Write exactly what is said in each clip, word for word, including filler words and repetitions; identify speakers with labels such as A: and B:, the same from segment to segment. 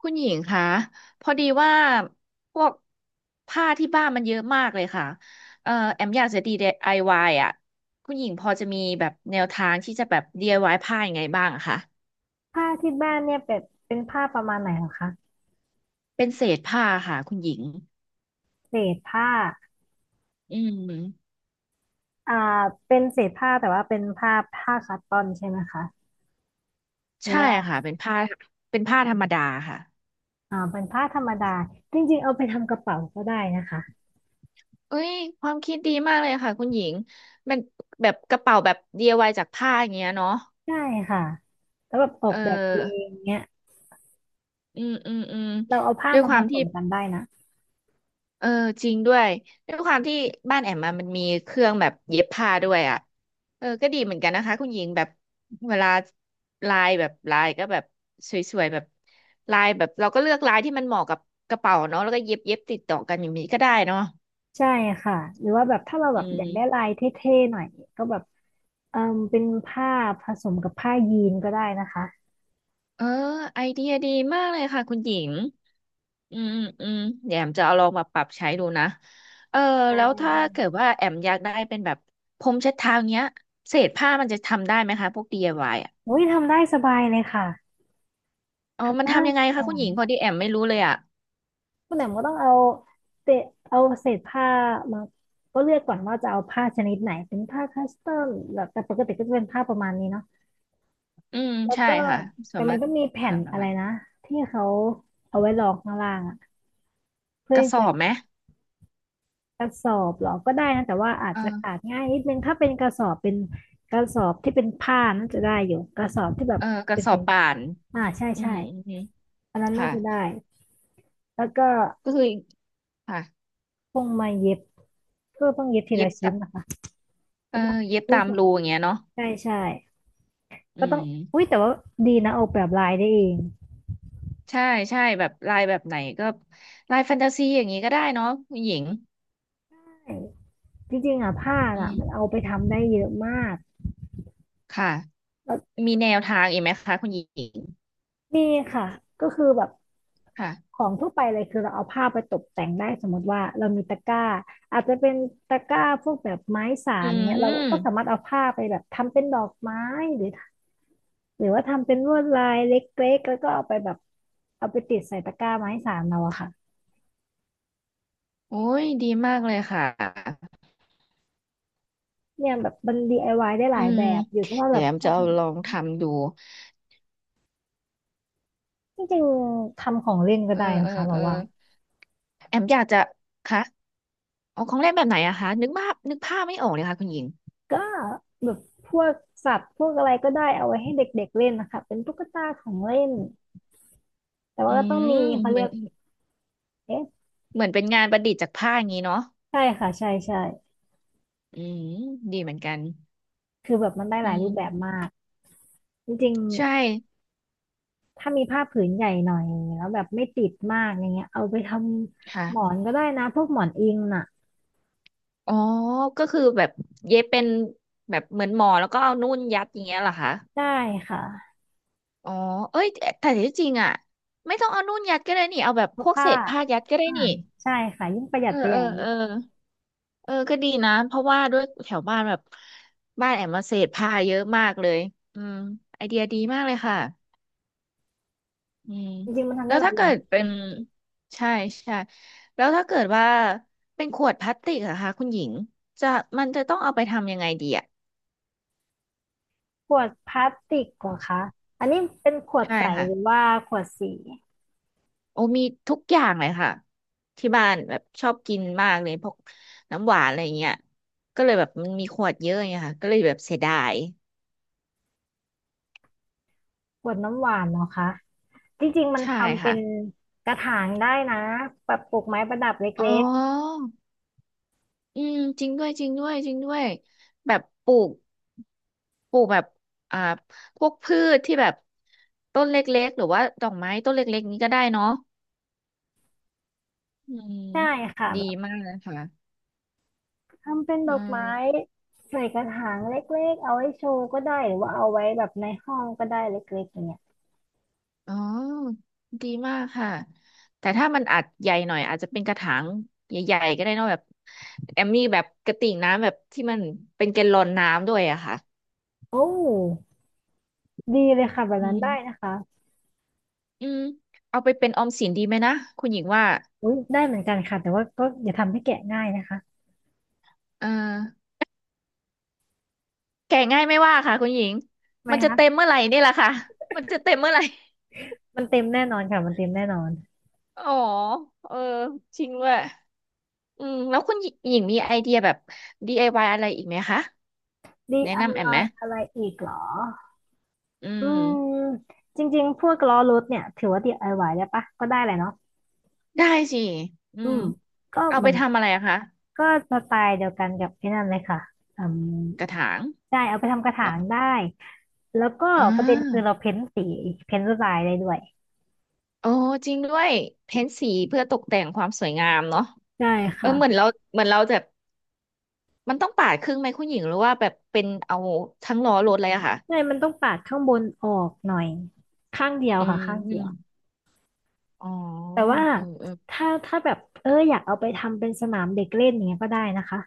A: คุณหญิงคะพอดีว่าพวกผ้าที่บ้านมันเยอะมากเลยค่ะเอ่อแอมอยากจะ ดี ไอ วาย อวายอ่ะคุณหญิงพอจะมีแบบแนวทางที่จะแบบ ดี ไอ วาย ผ้ายังไงบ้างอะคะ
B: ผ้าที่บ้านเนี่ยเป็นเป็นผ้าประมาณไหนเหรอคะ
A: เป็นเศษผ้าค่ะคุณหญิง
B: เศษผ้า
A: อืม
B: อ่าเป็นเศษผ้าแต่ว่าเป็นผ้าผ้าคัตตอนใช่ไหมคะหรือ
A: ใช่
B: ว่า
A: ค่ะเป็นผ้าเป็นผ้าธรรมดาค่ะ
B: อ่าเป็นผ้าธรรมดาจริงๆเอาไปทำกระเป๋าก็ได้นะคะ
A: เอ้ยความคิดดีมากเลยค่ะคุณหญิงมันแบบกระเป๋าแบบ ดี ไอ วาย จากผ้าอย่างเงี้ยเนาะ
B: ใช่ค่ะแล้วแบบออ
A: เอ
B: กแบบเอง
A: อ
B: เนี้ย
A: อืมอืมอืม
B: เราเอาผ้า
A: ด้วย
B: มา
A: ค
B: ผ
A: วาม
B: ส
A: ที่
B: มกันได้นะ
A: เออจริงด้วยด้วยความที่บ้านแอมมามันมีเครื่องแบบเย็บผ้าด้วยอ่ะเออก็ดีเหมือนกันนะคะคุณหญิงแบบเวลาลายแบบลายก็แบบสวยๆแบบลายแบบเราก็เลือกลายที่มันเหมาะกับกระเป๋าเนาะแล้วก็เย็บเย็บติดต่อกันอย่างนี้ก็ได้เนาะ
B: ใช่ค่ะหรือว่าแบบถ้าเราแบ
A: อื
B: บอยากได้
A: ม
B: ลายเท่ๆหน่อยก็แบบเออเป็นผ้าผสมกับผ้ายีนก็ได้นะคะ
A: เออไอเดียดีมากเลยค่ะคุณหญิงอืมอืมอืมเดี๋ยวแอมจะเอาลองมาปรับใช้ดูนะเออ
B: ได้
A: แล้ว
B: ได้
A: ถ้า
B: ได้
A: เกิดว่าแอมอยากได้เป็นแบบพรมเช็ดเท้าเนี้ยเศษผ้ามันจะทำได้ไหมคะพวก ดี ไอ วาย
B: โอ้ยทำได้สบายเลยค่ะ
A: อ๋อ
B: ทำ
A: มัน
B: ได้
A: ทำยังไงคะคุณหญิงพอดีแอมไม่รู้เลยอ่ะ
B: คุณแหม่มก็ต้องเอาเศษเอาเศษผ้ามาก็เลือกก่อนว่าจะเอาผ้าชนิดไหนเป็นผ้าคัสตอมแบบแต่ปกติก็จะเป็นผ้าประมาณนี้เนาะ
A: อืม
B: แล้ว
A: ใช่
B: ก็
A: ค่ะสา
B: แต่มั
A: มาร
B: น
A: ถ
B: ก็มีแผ่
A: พา
B: น
A: ประ
B: อะไร
A: มาณ
B: นะที่เขาเอาไว้รองข้างล่างอะเพื่
A: ก
B: อ
A: ระสอ
B: จะ
A: บไหม
B: กระสอบหรอก็ได้นะแต่ว่าอาจ
A: เอ
B: จะขา
A: อ
B: ดง่ายนิดนึงถ้าเป็นกระสอบเป็นกระสอบที่เป็นผ้าน่าจะได้อยู่กระสอบที่แบบ
A: เออกระ
B: เป็น
A: สอบป่าน
B: อ่าใช่
A: อื
B: ใช่
A: มอืมอืม
B: อันนั้นน่า
A: ค่ะ
B: จะได้แล้วก็
A: ก็คือค่ะ
B: พวงมาเย็บเพื่อต้องเย็บที
A: เย็
B: ละ
A: บ
B: ชิ้
A: ตะ
B: นนะคะ
A: เอ
B: ใช่
A: อ
B: ปะ
A: เย็บ
B: ชิ้น
A: ตาม
B: สอง
A: รูอย่างเงี้ยเนาะ
B: ใช่ใช่
A: อื
B: ก็ต้อง
A: ม
B: อุ้ยแต่ว่าดีนะออกแบบลายได้เอง
A: ใช่ใช่แบบลายแบบไหนก็ลายแฟนตาซีอย่างนี้ก็ได้เนาะคุณหญิง
B: ใช่จริงๆอ่ะผ้า
A: อื
B: อ่ะ
A: ม
B: มันเอาไปทำได้เยอะมาก
A: ค่ะ
B: แล้ว
A: มีแนวทางอีกไหมคะคุณหญิง
B: นี่ค่ะก็คือแบบ
A: ค่ะ
B: ของทั่วไปเลยคือเราเอาผ้าไปตกแต่งได้สมมติว่าเรามีตะกร้าอาจจะเป็นตะกร้าพวกแบบไม้สา
A: อื
B: นเงี้ยเรา
A: ม
B: ก็สามารถเอาผ้าไปแบบทำเป็นดอกไม้หรือหรือว่าทำเป็นลวดลายเล็กๆแล้วก็เอาไปแบบเอาไปติดใส่ตะกร้าไม้สานเราอะค่ะ
A: โอ้ยดีมากเลยค่ะ
B: เนี่ยแบบมัน d า y ได้ห
A: อื
B: ลายแบ
A: ม
B: บอยู่ที่ว่าแบ
A: เดี๋ยว
B: บ
A: แอม
B: ชอ
A: จะ
B: บ
A: เอาลองทำดู
B: จริงๆทำของเล่นก็
A: เออ
B: ได้
A: เอ
B: นะ
A: อ
B: คะเรา
A: เออ
B: ว่า
A: แอมอยากจะคะเอาของเล่นแบบไหนอะคะนึกภาพนึกภาพไม่ออกเลยค่ะคุณหญิง
B: ก็แบบพวกสัตว์พวกอะไรก็ได้เอาไว้ให้เด็กๆเล่นนะคะเป็นตุ๊กตาของเล่นแต่
A: อื
B: ว่าก็ต้อง
A: ม
B: มีเขา
A: เห
B: เรี
A: มือ
B: ย
A: น
B: กเอ๊ะ
A: เหมือนเป็นงานประดิษฐ์จากผ้าอย่างนี้เนาะ
B: ใช่ค่ะใช่ใช่
A: อืมดีเหมือนกัน
B: คือแบบมันได้ห
A: อื
B: ลายรูปแบบ
A: ม
B: มากจริง
A: ใช่
B: ๆถ้ามีผ้าผืนใหญ่หน่อยแล้วแบบไม่ติดมากอย่างเงี้ยเอาไปท
A: ค่ะ
B: ำหมอนก็ได้นะพวกหมอนอิงน่ะ
A: อ๋อก็คือแบบเย็บเป็นแบบเหมือนหมอแล้วก็เอานุ่นยัดอย่างเงี้ยเหรอคะ
B: ได้ค่ะ
A: อ๋อเอ้ยแต่แต่ที่จริงอะไม่ต้องเอานุ่นยัดก็ได้นี่เอาแบบ
B: เพ
A: พ
B: ราะ
A: วกเศ
B: ผ้า
A: ษผ้ายัดก็ได้
B: อ่า
A: นี่
B: ใช่ค่ะยิ่งประหยั
A: เอ
B: ด
A: อ
B: ไปให
A: เอ
B: ญ่
A: อเออ เออก็ดีนะเพราะว่าด้วยแถวบ้านแบบบ้านแอมมาเศษผ้าเยอะมากเลยอืมไอเดียดีมากเลยค่ะอืม
B: จริงๆมันทำ
A: แล้
B: ได้
A: ว
B: หลา
A: ถ้าเกิด
B: ย
A: เป็นใช่ใช่แล้วถ้าเกิดว่าเป็นขวดพลาสติกอะคะคุณหญิงจะมันจะต้องเอาไปทำยังไงดีอะ
B: ขวดพลาสติกเหรอคะอันนี้เป็นขวด
A: ใช่
B: ใส
A: ค่ะ
B: หรือว่าขวดสี
A: โอ้มีทุกอย่างเลยค่ะที่บ้านแบบชอบกินมากเลยพวกน้ำหวานอะไรเงี้ยก็เลยแบบมันมีขวดเยอะไงค่ะก็เลยแบบเสียดาย
B: ขวดน้ำหวานเหรอคะจริงๆมัน
A: ใช่
B: ทำเป็
A: ค่ะ
B: นกระถางได้นะแบบปลูกไม้ประดับเ
A: อ๋
B: ล็
A: อ
B: ก
A: อืมจริงด้วยจริงด้วยจริงด้วยแบบปลูกปลูกแบบอ่าพวกพืชที่แบบต้นเล็กๆหรือว่าดอกไม้ต้นเล็กๆนี้ก็ได้เนาะอืม
B: ๆได้ค่ะ
A: ดี
B: แบบ
A: มากเลยค่ะ
B: ทำเป็น
A: อื
B: ดอกไม้
A: ม
B: ใส่กระถางเล็กๆเอาไว้โชว์ก็ได้หรือว่าเอาไว้แบบในห้องก็ได้เล็กๆอย่างเงี้ย
A: อ๋อดีมากค่ะแต่ถ้ามันอาจใหญ่หน่อยอาจจะเป็นกระถางใหญ่ๆก็ได้เนอะแบบแอมมี่แบบกระติ่งน้ำแบบที่มันเป็นแกลลอนน้ำด้วยอะค่ะ
B: โอ้ดีเลยค่ะแบบ
A: อื
B: นั้นได้นะ
A: ม
B: คะ
A: อืมเอาไปเป็นออมสินดีไหมนะคุณหญิงว่า
B: อุ้ยได้เหมือนกันค่ะแต่ว่าก็อย่าทำให้แกะง่ายนะคะ
A: เออ แก่ง่ายไม่ว่าค่ะคุณหญิง
B: ทำไม
A: มันจะ
B: คะ
A: เต็มเมื่อไหร่นี่แหละค่ะมันจะเต็มเมื่อไหร่
B: มันเต็มแน่นอนค่ะมันเต็มแน่นอน
A: อ๋อเออจริงด้วยอืมแล้วคุณหญิงมีไอเดียแบบ ดี ไอ วาย อวายอะไรอีกไหมคะแนะ
B: ดี ไอ วาย
A: นำแอ
B: อ
A: มไห
B: วา
A: ม
B: ยอะไรอีกเหรอ
A: อื
B: อืม
A: ม
B: จริงๆพวกล้อรถเนี่ยถือว่าดี ดี ไอ วาย ได้ปะก็ได้แหละเนาะ
A: ได้สิอื
B: อื
A: ม
B: มก็
A: เอา
B: เห
A: ไป
B: มือน
A: ทำอะไรอะคะ
B: ก็สไตล์เดียวกันกับไอ้นั่นเลยค่ะอืม
A: กระถาง
B: ได้เอาไปทำกระ
A: เห
B: ถา
A: รอ
B: งได้แล้วก็
A: อ่า
B: ประเด็นคือเราเพ้นสีเพ้นลวดลายได้ด้วย
A: โอ้จริงด้วยเพ้นสีเพื่อตกแต่งความสวยงามเนาะ
B: ใช่
A: เออ
B: ค่ะ
A: เหมือนเราเหมือนเราแบบมันต้องปาดครึ่งไหมคุณหญิงหรือว่าแบบเป็นเอาทั้งล้อรถเลยอะค่ะ
B: ใช่มันต้องปาดข้างบนออกหน่อยข้างเดียว
A: อื
B: ค่ะข้างเดียว
A: ม อ๋อ
B: แต่ว่า
A: เออเออ
B: ถ้าถ้าแบบเอออยากเอาไปทำเป็นสนามเด็กเล่นอย่างเงี้ยก็ได้นะคะ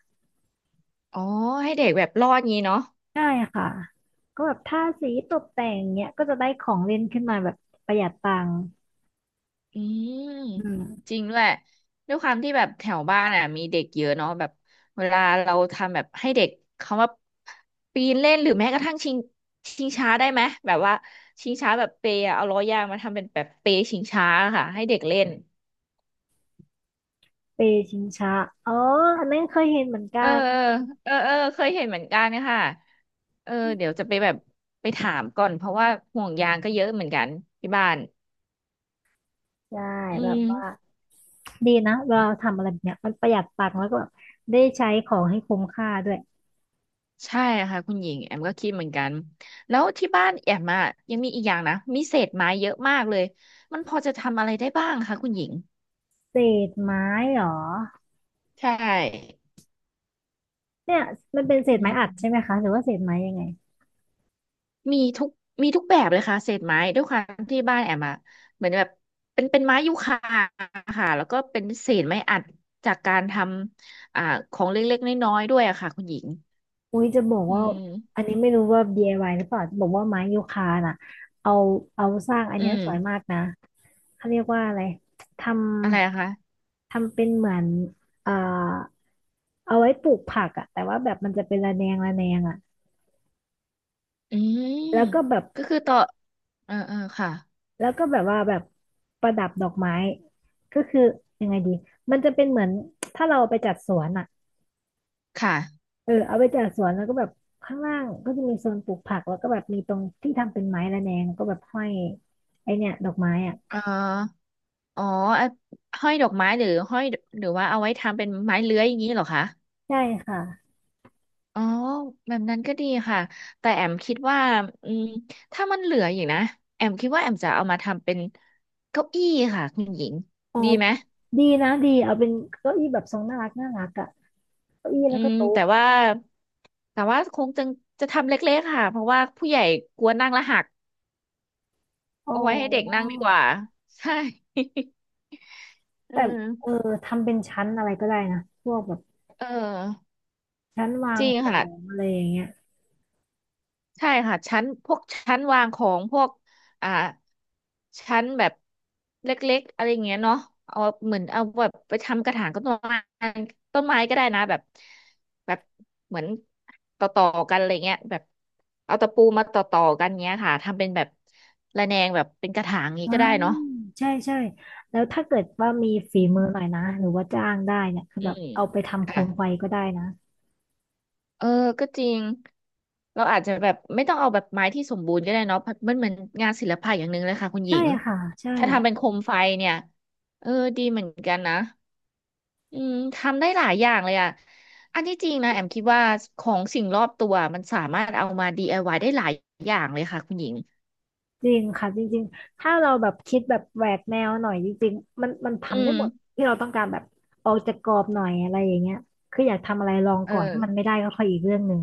A: อ๋อให้เด็กแบบรอดงี้เนาะ
B: ใช่ค่ะก็แบบทาสีตกแต่งเนี้ยก็จะได้ของเล่นขึ้นมาแบบประหยัดตังค์
A: อืม
B: อื
A: จ
B: ม
A: ริงด้วยด้วยความที่แบบแถวบ้านอ่ะมีเด็กเยอะเนาะแบบเวลาเราทำแบบให้เด็กเขาว่าปีนเล่นหรือแม้กระทั่งชิงชิงช้าได้ไหมแบบว่าชิงช้าแบบเปย์อะเอาล้อยางมาทำเป็นแบบเปย์ชิงช้าค่ะให้เด็กเล่น
B: เปชิงช้าอ๋ออันนั้นเคยเห็นเหมือน
A: เออ
B: กัน
A: เออเออเออเคยเห็นเหมือนกันค่ะเออเดี๋ยวจะไปแบบไปถามก่อนเพราะว่าห่วงยางก็เยอะเหมือนกันที่บ้าน
B: ใช่
A: อื
B: แบบ
A: ม
B: ว่าดีนะเวลาเราทำอะไรแบบเนี้ยมันประหยัดตังค์แล้วก็แบบได้ใช้ของให้คุ้มค่าด้วย
A: ใช่ค่ะคุณหญิงแอมก็คิดเหมือนกันแล้วที่บ้านแอมอ่ะยังมีอีกอย่างนะมีเศษไม้เยอะมากเลยมันพอจะทำอะไรได้บ้างคะคุณหญิง
B: เศษไม้เหรอ
A: ใช่
B: เนี่ยมันเป็นเศ
A: อื
B: ษไม้อัดใช่ไหม
A: ม
B: คะหรือว่าเศษไม้ยังไง
A: มีทุกมีทุกแบบเลยค่ะเศษไม้ด้วยความที่บ้านแอมอะเหมือนแบบเป็นเป็นไม้ยูคาค่ะแล้วก็เป็นเศษไม้อัดจากการทำอ่าของเล็กๆน้อยๆด้วยอะค่ะคุณหญิง
B: อุ้ยจะบอก
A: อื
B: ว่าอั
A: ม
B: นนี้ไม่รู้ว่า ดี ไอ วาย หรือเปล่าจะบอกว่าไม้ยูคาน่ะเอาเอาสร้างอัน
A: อื
B: เนี้ย
A: ม
B: สวยมากนะเขาเรียกว่าอะไรท
A: อะไรอะ
B: ำ
A: คะ
B: ทำเป็นเหมือนเอ่อเอาไว้ปลูกผักอะแต่ว่าแบบมันจะเป็นระแนงระแนงอะ
A: อืม
B: แล้วก็แบบ
A: ก็คือต่อเออเออค่ะ
B: แล้วก็แบบว่าแบบประดับดอกไม้ก็คือยังไงดีมันจะเป็นเหมือนถ้าเราไปจัดสวนอะ
A: ค่ะ
B: เออเอาไปจัดสวนแล้วก็แบบข้างล่างก็จะมีโซนปลูกผักแล้วก็แบบมีตรงที่ทำเป็นไม้ระแนงก็แบบห้อยไอเนี่ยดอกไม้อะ
A: เออ อ๋ออ่ะห้อยดอกไม้หรือห้อยหรือว่าเอาไว้ทำเป็นไม้เลื้อยอย่างนี้เหรอคะ
B: ใช่ค่ะ
A: อ๋อแบบนั้นก็ดีค่ะแต่แอมคิดว่าอืมถ้ามันเหลืออยู่นะแอมคิดว่าแอมจะเอามาทำเป็นเก้าอี้ค่ะคุณหญิง
B: อ๋อ
A: ดีไหม
B: ดีนะดีเอาเป็นเก้าอี้แบบทรงน่ารักน่ารักอะเก้าอี้
A: อื
B: แล้วก็
A: ม
B: โต๊ะ
A: แต่ว่าแต่ว่าคงจะจะทำเล็กๆค่ะเพราะว่าผู้ใหญ่กลัวนั่งแล้วหัก
B: อ๋อ
A: เอาไว้ให้เด็กนั่งดีกว่าใช่ เอ
B: แต่
A: อ
B: เออทำเป็นชั้นอะไรก็ได้นะพวกแบบ
A: เออ
B: ชั้นวา
A: จ
B: ง
A: ริง
B: ของ
A: ค่ะ
B: อะไรอย่างเงี้ย
A: ใช่ค่ะชั้นพวกชั้นวางของพวกอ่าชั้นแบบเล็กๆอะไรอย่างเงี้ยเนาะเอาเหมือนเอาแบบไปทำกระถางต้นไม้ต้นไม้ก็ได้นะแบบแบบเหมือนต่อต่อกันอะไรเงี้ยแบบเอาตะปูมาต่อต่อกันเงี้ยค่ะทำเป็นแบบระแนงแบบเป็นกระถางนี้
B: อ่า
A: ก็ได้เนาะ
B: ใช่ใช่แล้วถ้าเกิดว่ามีฝี
A: อื
B: มือหน่อ
A: ม
B: ยนะหรือว่าจ้างได้เนี่ยคือ
A: อื
B: แบบ
A: ม
B: เอาไปทำโค
A: ค่ะ
B: มไฟก็ได้นะ
A: เออ ก็จริง เราอาจจะแบบไม่ต้องเอาแบบไม้ที่สมบูรณ์ก็ได้เนาะเพราะมันเหมือนงานศิลปะอย่างหนึ่งเลยค่ะคุณหญิ
B: ใช่
A: ง
B: ค่ะใช่
A: ถ้าทำเป็นโคมไฟเนี่ยเออ ดีเหมือนกันนะ อืม ทำได้หลายอย่างเลยอ่ะอันที่จริงนะแอมคิดว่าของสิ่งรอบตัวมันสามารถเอามา ดี ไอ วาย ไอวายได้หลายอย่างเลยค่ะคุณหญิง
B: จริงค่ะจริงๆถ้าเราแบบคิดแบบแหวกแนวหน่อยจริงๆมันมัน
A: อื
B: ทำได้หมด
A: ม
B: ที่เราต้องการแบบออกจากกรอบหน่อยอะไรอย่างเงี้ยคืออยากทำอะไรลอง
A: เอ
B: ก่อนถ้ามัน
A: อ
B: ไม่ได้ก็ค่อยอีกเรื่องหนึ่ง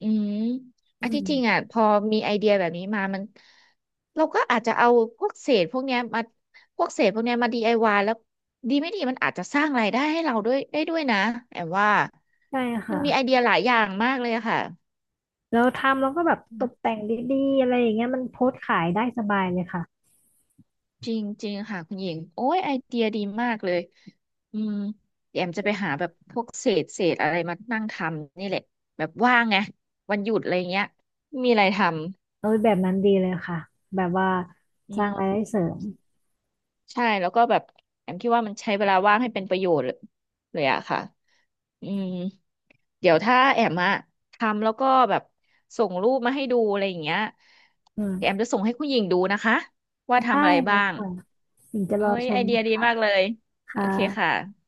A: อืม
B: อื
A: อัน
B: ม
A: ที่จริงอ่ะพอมีไอเดียแบบนี้มามันเราก็อาจจะเอาพวกเศษพวกเนี้ยมาพวกเศษพวกเนี้ยมา ดี ไอ วาย แล้วดีไม่ดีมันอาจจะสร้างรายได้ให้เราด้วยได้ด้วยนะแอมว่า
B: ใช่
A: มั
B: ค่ะ
A: นมีไอเดียหลายอย่างมากเลยอะค่ะ
B: แล้วทำแล้วก็แบบตกแต่งดีๆอะไรอย่างเงี้ยมันโพสต์ขายได้สบายเลยค่ะ
A: จริงจริงค่ะคุณหญิงโอ้ยไอเดียดีมากเลยอืมเดี๋ยวแอมจะไปหาแบบพวกเศษเศษอะไรมานั่งทำนี่แหละแบบว่างไงวันหยุดอะไรเงี้ยมีอะไรท
B: เออแบบนั้นดีเลยค่ะแบบว่าสร้าง
A: ำ
B: รายได้เสริม
A: ใช่แล้วก็แบบแอมคิดว่ามันใช้เวลาว่างให้เป็นประโยชน์เลยเลยอะค่ะอืมเดี๋ยวถ้าแอมอะทำแล้วก็แบบส่งรูปมาให้ดูอะไรอย่างเงี้ย
B: อื
A: แอม
B: ม
A: จะส่งให้คุณหญิงดูนะคะว่าทำ
B: ได้
A: อะไร
B: เล
A: บ้า
B: ย
A: ง
B: ค่ะถึงจะร
A: เอ้
B: อ
A: ย
B: ช
A: ไอ
B: ม
A: เดี
B: น
A: ยดี
B: ะ
A: มากเลยโอ
B: คะ
A: เคค่ะ